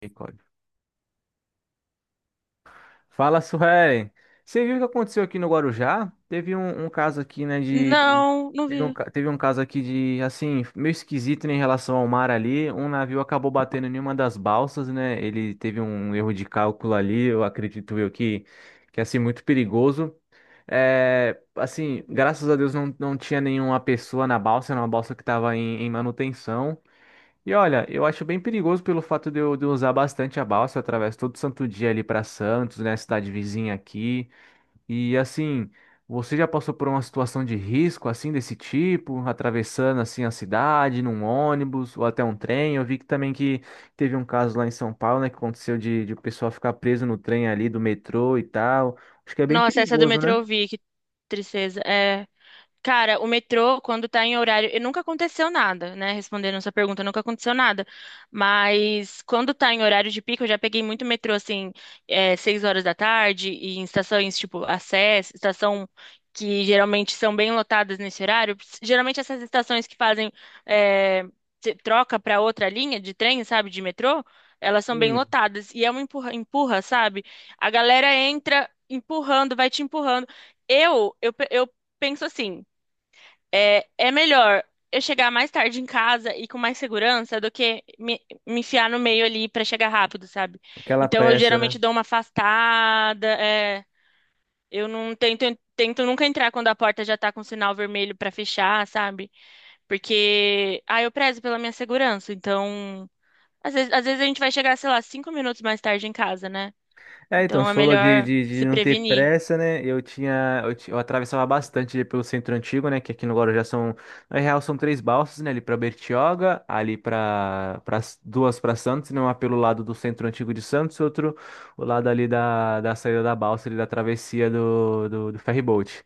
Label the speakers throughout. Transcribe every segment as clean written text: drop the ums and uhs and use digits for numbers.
Speaker 1: Misericórdia. Fala, Suelen. Você viu o que aconteceu aqui no Guarujá? Teve um caso aqui, né, de...
Speaker 2: Não, não
Speaker 1: Teve um,
Speaker 2: vi.
Speaker 1: ca- teve um caso aqui de, assim, meio esquisito, né, em relação ao mar ali. Um navio acabou batendo em uma das balsas, né? Ele teve um erro de cálculo ali, eu acredito eu que é, assim, muito perigoso. É, assim, graças a Deus não tinha nenhuma pessoa na balsa, era uma balsa que estava em manutenção. E olha, eu acho bem perigoso pelo fato de eu usar bastante a balsa, eu atravesso todo santo dia ali para Santos, né, cidade vizinha aqui. E assim, você já passou por uma situação de risco assim desse tipo, atravessando assim a cidade num ônibus ou até um trem? Eu vi que também que teve um caso lá em São Paulo, né, que aconteceu de o pessoal ficar preso no trem ali do metrô e tal. Acho que é bem
Speaker 2: Nossa, essa do
Speaker 1: perigoso,
Speaker 2: metrô
Speaker 1: né?
Speaker 2: eu vi, que tristeza. Cara, o metrô, quando tá em horário, e nunca aconteceu nada, né? Respondendo essa pergunta, nunca aconteceu nada. Mas quando tá em horário de pico, eu já peguei muito metrô, assim, 6 horas da tarde, e em estações tipo Acess, estação que geralmente são bem lotadas nesse horário. Geralmente essas estações que fazem é, troca pra outra linha de trem, sabe, de metrô, elas são bem
Speaker 1: Hum.
Speaker 2: lotadas. E é uma empurra, empurra, sabe? A galera entra empurrando, vai te empurrando. Eu penso assim. É melhor eu chegar mais tarde em casa e com mais segurança do que me enfiar no meio ali pra chegar rápido, sabe?
Speaker 1: Aquela
Speaker 2: Então eu
Speaker 1: pressa, né?
Speaker 2: geralmente dou uma afastada, eu não tento, tento nunca entrar quando a porta já tá com sinal vermelho pra fechar, sabe? Porque, ah, eu prezo pela minha segurança, então às vezes a gente vai chegar, sei lá, 5 minutos mais tarde em casa, né?
Speaker 1: É, então,
Speaker 2: Então
Speaker 1: você
Speaker 2: é
Speaker 1: falou de,
Speaker 2: melhor
Speaker 1: de, de
Speaker 2: se
Speaker 1: não ter
Speaker 2: prevenir.
Speaker 1: pressa, né? Eu tinha, eu, ti- eu atravessava bastante ali pelo centro antigo, né? Que aqui no Guarujá são, na real, são três balsas, né? Ali pra Bertioga, ali pra duas pra Santos, né? Uma pelo lado do centro antigo de Santos, outro o lado ali da saída da balsa, ali da travessia do ferryboat.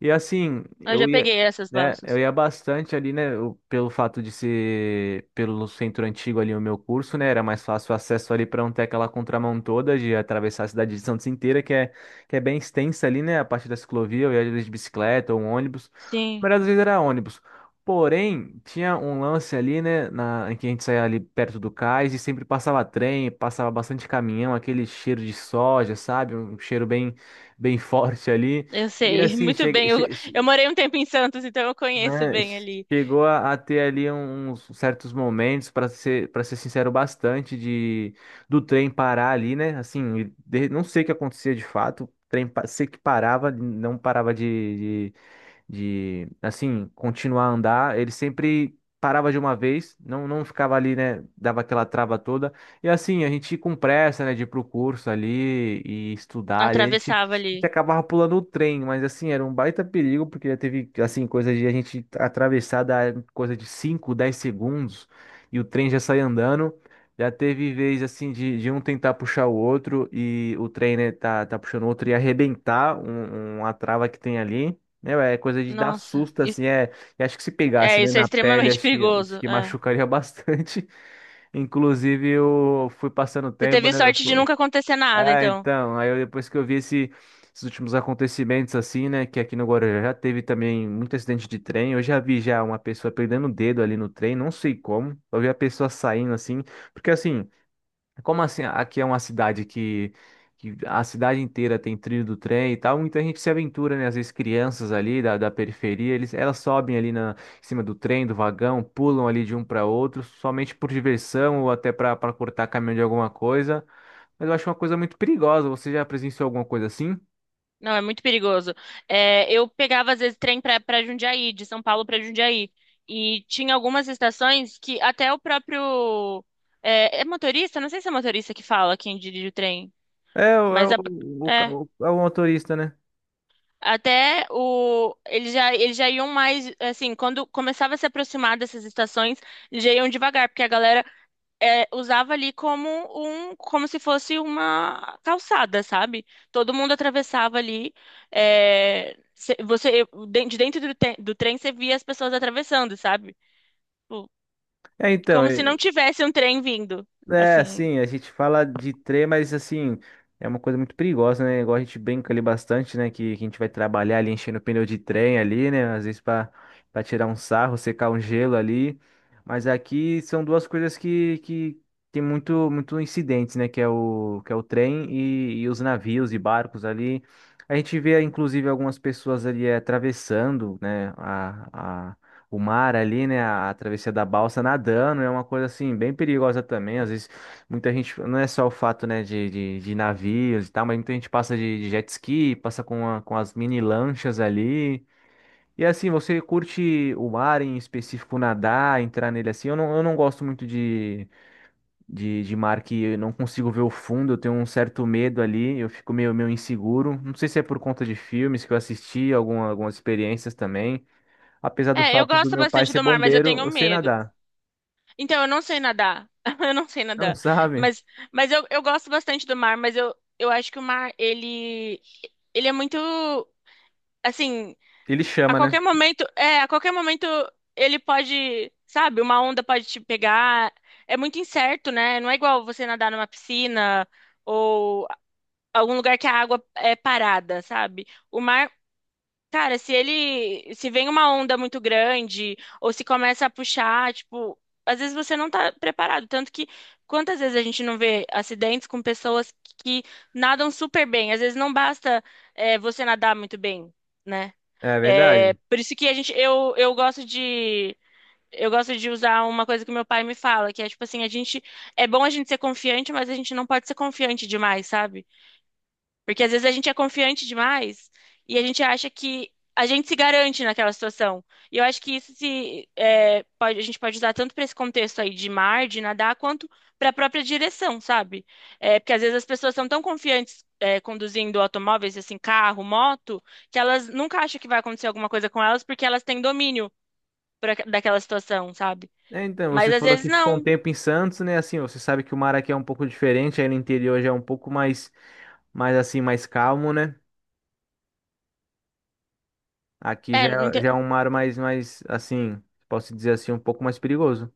Speaker 1: E assim,
Speaker 2: Eu
Speaker 1: eu
Speaker 2: já
Speaker 1: ia,
Speaker 2: peguei essas
Speaker 1: né? Eu
Speaker 2: balsas.
Speaker 1: ia bastante ali, né? Pelo fato de ser pelo centro antigo ali o meu curso, né? Era mais fácil o acesso ali para não ter aquela contramão toda de atravessar a cidade de Santos inteira, que é bem extensa ali, né? A parte da ciclovia, eu ia às vezes de bicicleta ou um ônibus. A
Speaker 2: Sim.
Speaker 1: maioria das vezes era ônibus. Porém, tinha um lance ali, né? Em que a gente saía ali perto do cais e sempre passava trem, passava bastante caminhão, aquele cheiro de soja, sabe? Um cheiro bem forte ali.
Speaker 2: Eu
Speaker 1: E
Speaker 2: sei,
Speaker 1: assim,
Speaker 2: muito bem. Eu morei um tempo em Santos, então eu conheço
Speaker 1: né,
Speaker 2: bem ali.
Speaker 1: chegou a ter ali uns certos momentos, para ser sincero, bastante de do trem parar ali, né? Assim, não sei o que acontecia de fato. O trem sei que parava, não parava de assim, continuar a andar. Ele sempre parava de uma vez, não ficava ali, né? Dava aquela trava toda. E assim, a gente ia com pressa, né, de ir pro curso ali e estudar. Ali, a gente, a
Speaker 2: Atravessava ali.
Speaker 1: gente acabava pulando o trem, mas assim, era um baita perigo, porque já teve, assim, coisa de a gente atravessar da coisa de 5 10 segundos e o trem já sai andando. Já teve vez assim de um tentar puxar o outro e o trem, né, tá puxando o outro e arrebentar uma trava que tem ali. Meu, é coisa de dar
Speaker 2: Nossa,
Speaker 1: susto,
Speaker 2: isso-
Speaker 1: assim, é. E acho que se pegasse,
Speaker 2: é,
Speaker 1: né,
Speaker 2: isso é
Speaker 1: na pele,
Speaker 2: extremamente
Speaker 1: acho que,
Speaker 2: perigoso.
Speaker 1: acho que
Speaker 2: É.
Speaker 1: machucaria bastante. Inclusive, eu fui passando
Speaker 2: Você
Speaker 1: tempo,
Speaker 2: teve
Speaker 1: né?
Speaker 2: sorte de nunca acontecer nada,
Speaker 1: Ah,
Speaker 2: então.
Speaker 1: então, aí depois que eu vi esses últimos acontecimentos, assim, né, que aqui no Guarujá já teve também muito acidente de trem. Eu já vi já uma pessoa perdendo o dedo ali no trem, não sei como. Eu vi a pessoa saindo, assim, porque assim. Como assim? Aqui é uma cidade que a cidade inteira tem trilho do trem e tal, muita gente se aventura, né? Às vezes crianças ali da periferia, elas sobem ali em cima do trem, do vagão, pulam ali de um para outro, somente por diversão ou até para cortar caminho de alguma coisa. Mas eu acho uma coisa muito perigosa. Você já presenciou alguma coisa assim?
Speaker 2: Não, é muito perigoso. É, eu pegava, às vezes, trem pra Jundiaí, de São Paulo pra Jundiaí. E tinha algumas estações que até o próprio. É, é motorista? Não sei se é motorista que fala quem dirige o trem,
Speaker 1: É, o- é
Speaker 2: mas
Speaker 1: o,
Speaker 2: a,
Speaker 1: o, ca-
Speaker 2: é.
Speaker 1: o- é o motorista, né?
Speaker 2: Até o eles já iam mais assim, quando começava a se aproximar dessas estações, eles já iam devagar, porque a galera usava ali como um como se fosse uma calçada, sabe? Todo mundo atravessava ali. É, você de dentro do, do trem você via as pessoas atravessando, sabe? Tipo,
Speaker 1: É, então.
Speaker 2: como se não tivesse um trem vindo,
Speaker 1: É,
Speaker 2: assim.
Speaker 1: assim, a gente fala de trem, mas assim, é uma coisa muito perigosa, né? Igual a gente brinca ali bastante, né? Que a gente vai trabalhar ali enchendo o pneu de trem ali, né? Às vezes para tirar um sarro, secar um gelo ali. Mas aqui são duas coisas que tem muito, muito incidentes, né? Que é o trem e os navios e barcos ali. A gente vê, inclusive, algumas pessoas ali atravessando, né? O mar ali, né? A travessia da balsa nadando é uma coisa assim bem perigosa também. Às vezes muita gente, não é só o fato, né, de navios e tal, mas muita gente passa de jet ski, passa com as mini lanchas ali. E assim, você curte o mar em específico, nadar, entrar nele assim? Eu não gosto muito de mar que eu não consigo ver o fundo, eu tenho um certo medo ali, eu fico meio inseguro. Não sei se é por conta de filmes que eu assisti, algumas experiências também. Apesar do
Speaker 2: É, eu
Speaker 1: fato do
Speaker 2: gosto
Speaker 1: meu pai
Speaker 2: bastante
Speaker 1: ser
Speaker 2: do mar, mas eu
Speaker 1: bombeiro,
Speaker 2: tenho
Speaker 1: eu sei
Speaker 2: medo.
Speaker 1: nadar.
Speaker 2: Então, eu não sei nadar. Eu não sei
Speaker 1: Não
Speaker 2: nadar.
Speaker 1: sabe?
Speaker 2: Mas, mas eu gosto bastante do mar, mas eu acho que o mar, ele é muito, assim,
Speaker 1: Ele chama, né?
Speaker 2: a qualquer momento ele pode, sabe, uma onda pode te pegar. É muito incerto, né? Não é igual você nadar numa piscina ou algum lugar que a água é parada, sabe? O mar. Cara, se vem uma onda muito grande ou se começa a puxar, tipo, às vezes você não tá preparado, tanto que quantas vezes a gente não vê acidentes com pessoas que nadam super bem, às vezes não basta você nadar muito bem, né?
Speaker 1: É
Speaker 2: É,
Speaker 1: verdade.
Speaker 2: por isso que eu gosto de. Eu gosto de usar uma coisa que meu pai me fala, que é tipo assim, a gente é bom a gente ser confiante, mas a gente não pode ser confiante demais, sabe? Porque às vezes a gente é confiante demais e a gente acha que a gente se garante naquela situação. E eu acho que isso se é, pode- a gente pode usar tanto para esse contexto aí de mar, de nadar, quanto para a própria direção, sabe? É, porque às vezes as pessoas são tão confiantes conduzindo automóveis, assim, carro, moto, que elas nunca acham que vai acontecer alguma coisa com elas porque elas têm domínio daquela situação, sabe?
Speaker 1: É, então,
Speaker 2: Mas
Speaker 1: você
Speaker 2: às
Speaker 1: falou
Speaker 2: vezes
Speaker 1: que ficou um
Speaker 2: não.
Speaker 1: tempo em Santos, né? Assim, você sabe que o mar aqui é um pouco diferente, aí no interior já é um pouco mais assim, mais calmo, né? Aqui já,
Speaker 2: É, não ente-
Speaker 1: já é um mar mais, assim, posso dizer assim, um pouco mais perigoso.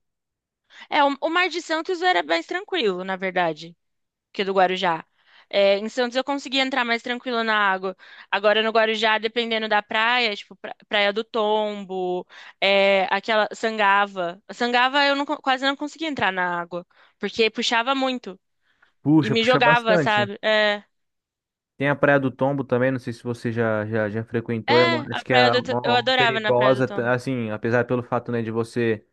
Speaker 2: é, o Mar de Santos era mais tranquilo, na verdade. Que é do Guarujá. É, em Santos eu conseguia entrar mais tranquilo na água. Agora no Guarujá, dependendo da praia, Praia do Tombo, é, aquela Sangava. Sangava eu não co- quase não conseguia entrar na água, porque puxava muito e
Speaker 1: Puxa,
Speaker 2: me
Speaker 1: puxa
Speaker 2: jogava,
Speaker 1: bastante.
Speaker 2: sabe?
Speaker 1: Tem a Praia do Tombo também, não sei se você já frequentou, é
Speaker 2: A
Speaker 1: acho que é uma,
Speaker 2: Eu
Speaker 1: uma
Speaker 2: adorava na Praia do
Speaker 1: perigosa, tá,
Speaker 2: Tombo.
Speaker 1: assim, apesar pelo fato, né, de você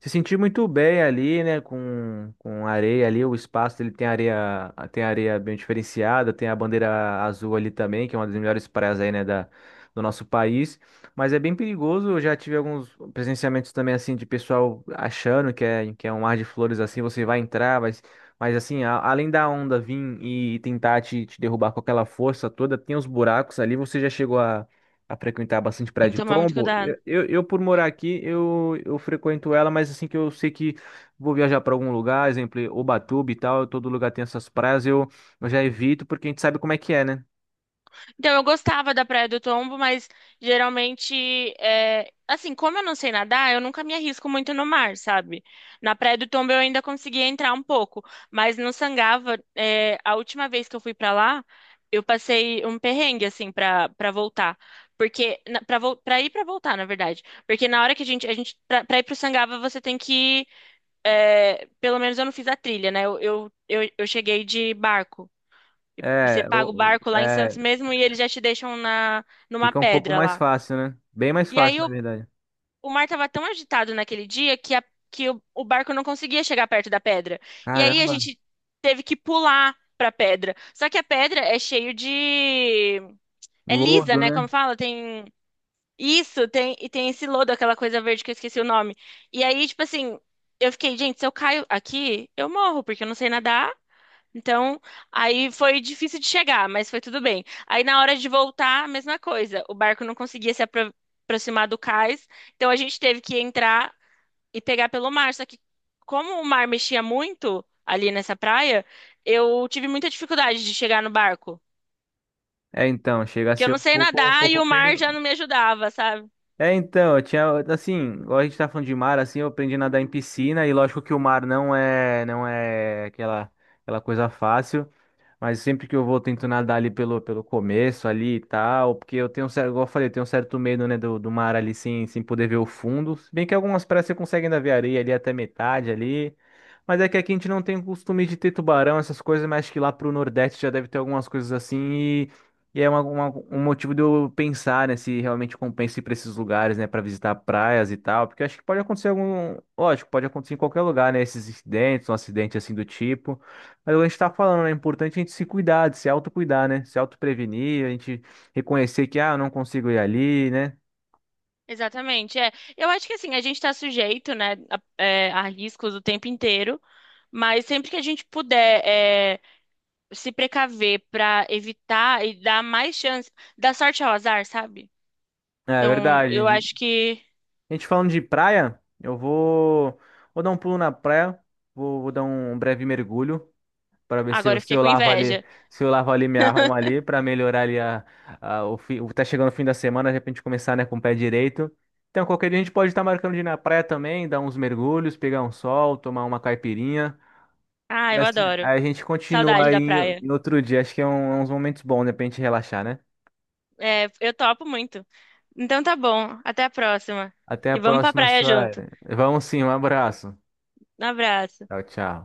Speaker 1: se sentir muito bem ali, né, com areia ali, o espaço ele tem areia bem diferenciada, tem a bandeira azul ali também, que é uma das melhores praias aí, né, do nosso país, mas é bem perigoso, eu já tive alguns presenciamentos também, assim, de pessoal achando que é um mar de flores, assim, você vai entrar, vai mas assim, além da onda vir e tentar te derrubar com aquela força toda, tem os buracos ali. Você já chegou a frequentar bastante praia
Speaker 2: Tem que
Speaker 1: de
Speaker 2: tomar muito
Speaker 1: tombo?
Speaker 2: cuidado.
Speaker 1: Por morar aqui, eu frequento ela, mas assim que eu sei que vou viajar para algum lugar, exemplo, Ubatuba e tal, todo lugar tem essas praias, eu já evito porque a gente sabe como é que é, né?
Speaker 2: Então, eu gostava da Praia do Tombo, mas geralmente, é, assim, como eu não sei nadar, eu nunca me arrisco muito no mar, sabe? Na Praia do Tombo eu ainda conseguia entrar um pouco, mas no Sangava, é, a última vez que eu fui pra lá, eu passei um perrengue, assim, pra voltar. Porque, pra ir e pra voltar, na verdade. Porque na hora que a gente pra ir pro Sangava, você tem que, é, pelo menos eu não fiz a trilha, né? Eu cheguei de barco. Você
Speaker 1: É,
Speaker 2: paga o barco lá em Santos mesmo e eles já te deixam na numa
Speaker 1: fica um pouco
Speaker 2: pedra
Speaker 1: mais
Speaker 2: lá.
Speaker 1: fácil, né? Bem mais
Speaker 2: E
Speaker 1: fácil,
Speaker 2: aí
Speaker 1: na
Speaker 2: o,
Speaker 1: verdade.
Speaker 2: o mar tava tão agitado naquele que o barco não conseguia chegar perto da pedra. E aí a
Speaker 1: Caramba,
Speaker 2: gente teve que pular pra pedra. Só que a pedra é cheio de... É lisa,
Speaker 1: lodo,
Speaker 2: né? Como
Speaker 1: né?
Speaker 2: fala, tem e tem esse lodo, aquela coisa verde que eu esqueci o nome. E aí, tipo assim, eu fiquei, gente, se eu caio aqui, eu morro, porque eu não sei nadar então, aí foi difícil de chegar, mas foi tudo bem. Aí na hora de voltar, a mesma coisa. O barco não conseguia se apro- aproximar do cais, então a gente teve que entrar e pegar pelo mar. Só que como o mar mexia muito ali nessa praia, eu tive muita dificuldade de chegar no barco,
Speaker 1: É, então, chega a
Speaker 2: porque eu
Speaker 1: ser
Speaker 2: não
Speaker 1: um
Speaker 2: sei
Speaker 1: pouco, um
Speaker 2: nadar e
Speaker 1: pouco
Speaker 2: o mar já não me ajudava, sabe?
Speaker 1: É, então, eu tinha, assim, igual a gente tá falando de mar, assim, eu aprendi a nadar em piscina, e lógico que o mar não é aquela coisa fácil, mas sempre que eu vou, tento nadar ali pelo começo ali e tal, porque eu tenho um certo, igual eu falei, eu tenho um certo medo, né, do mar ali sem poder ver o fundo. Se bem que algumas praias você consegue ainda ver areia ali até metade ali. Mas é que aqui a gente não tem o costume de ter tubarão, essas coisas, mas acho que lá pro Nordeste já deve ter algumas coisas assim e é um motivo de eu pensar, né, se realmente compensa ir pra esses lugares, né, pra visitar praias e tal, porque acho que pode acontecer algum, lógico, pode acontecer em qualquer lugar, né, esses incidentes, um acidente assim do tipo. Mas a gente tá falando, né? É importante a gente se cuidar, de se autocuidar, né? Se autoprevenir, a gente reconhecer que, ah, eu não consigo ir ali, né?
Speaker 2: Exatamente, é. Eu acho que assim, a gente está sujeito, né, a riscos o tempo inteiro, mas sempre que a gente puder, se precaver para evitar e dar mais chance, dar sorte ao azar, sabe?
Speaker 1: É
Speaker 2: Então,
Speaker 1: verdade.
Speaker 2: eu
Speaker 1: E
Speaker 2: acho que
Speaker 1: a gente falando de praia, eu vou dar um pulo na praia, vou dar um breve mergulho para ver
Speaker 2: agora eu fiquei com inveja.
Speaker 1: se eu lavo ali, me arrumo ali, para melhorar ali o fim, tá chegando o fim da semana, de repente começar, né, com o pé direito. Então, qualquer dia a gente pode estar marcando de ir na praia também, dar uns mergulhos, pegar um sol, tomar uma caipirinha.
Speaker 2: Ah,
Speaker 1: E
Speaker 2: eu
Speaker 1: assim,
Speaker 2: adoro.
Speaker 1: a gente continua
Speaker 2: Saudade
Speaker 1: aí
Speaker 2: da
Speaker 1: em
Speaker 2: praia.
Speaker 1: em outro dia. Acho que é uns momentos bons, né, pra gente relaxar, né?
Speaker 2: É, eu topo muito. Então tá bom, até a próxima.
Speaker 1: Até a
Speaker 2: E vamos pra
Speaker 1: próxima,
Speaker 2: praia junto.
Speaker 1: Sueli. Vamos sim, um abraço.
Speaker 2: Um abraço.
Speaker 1: Tchau, tchau.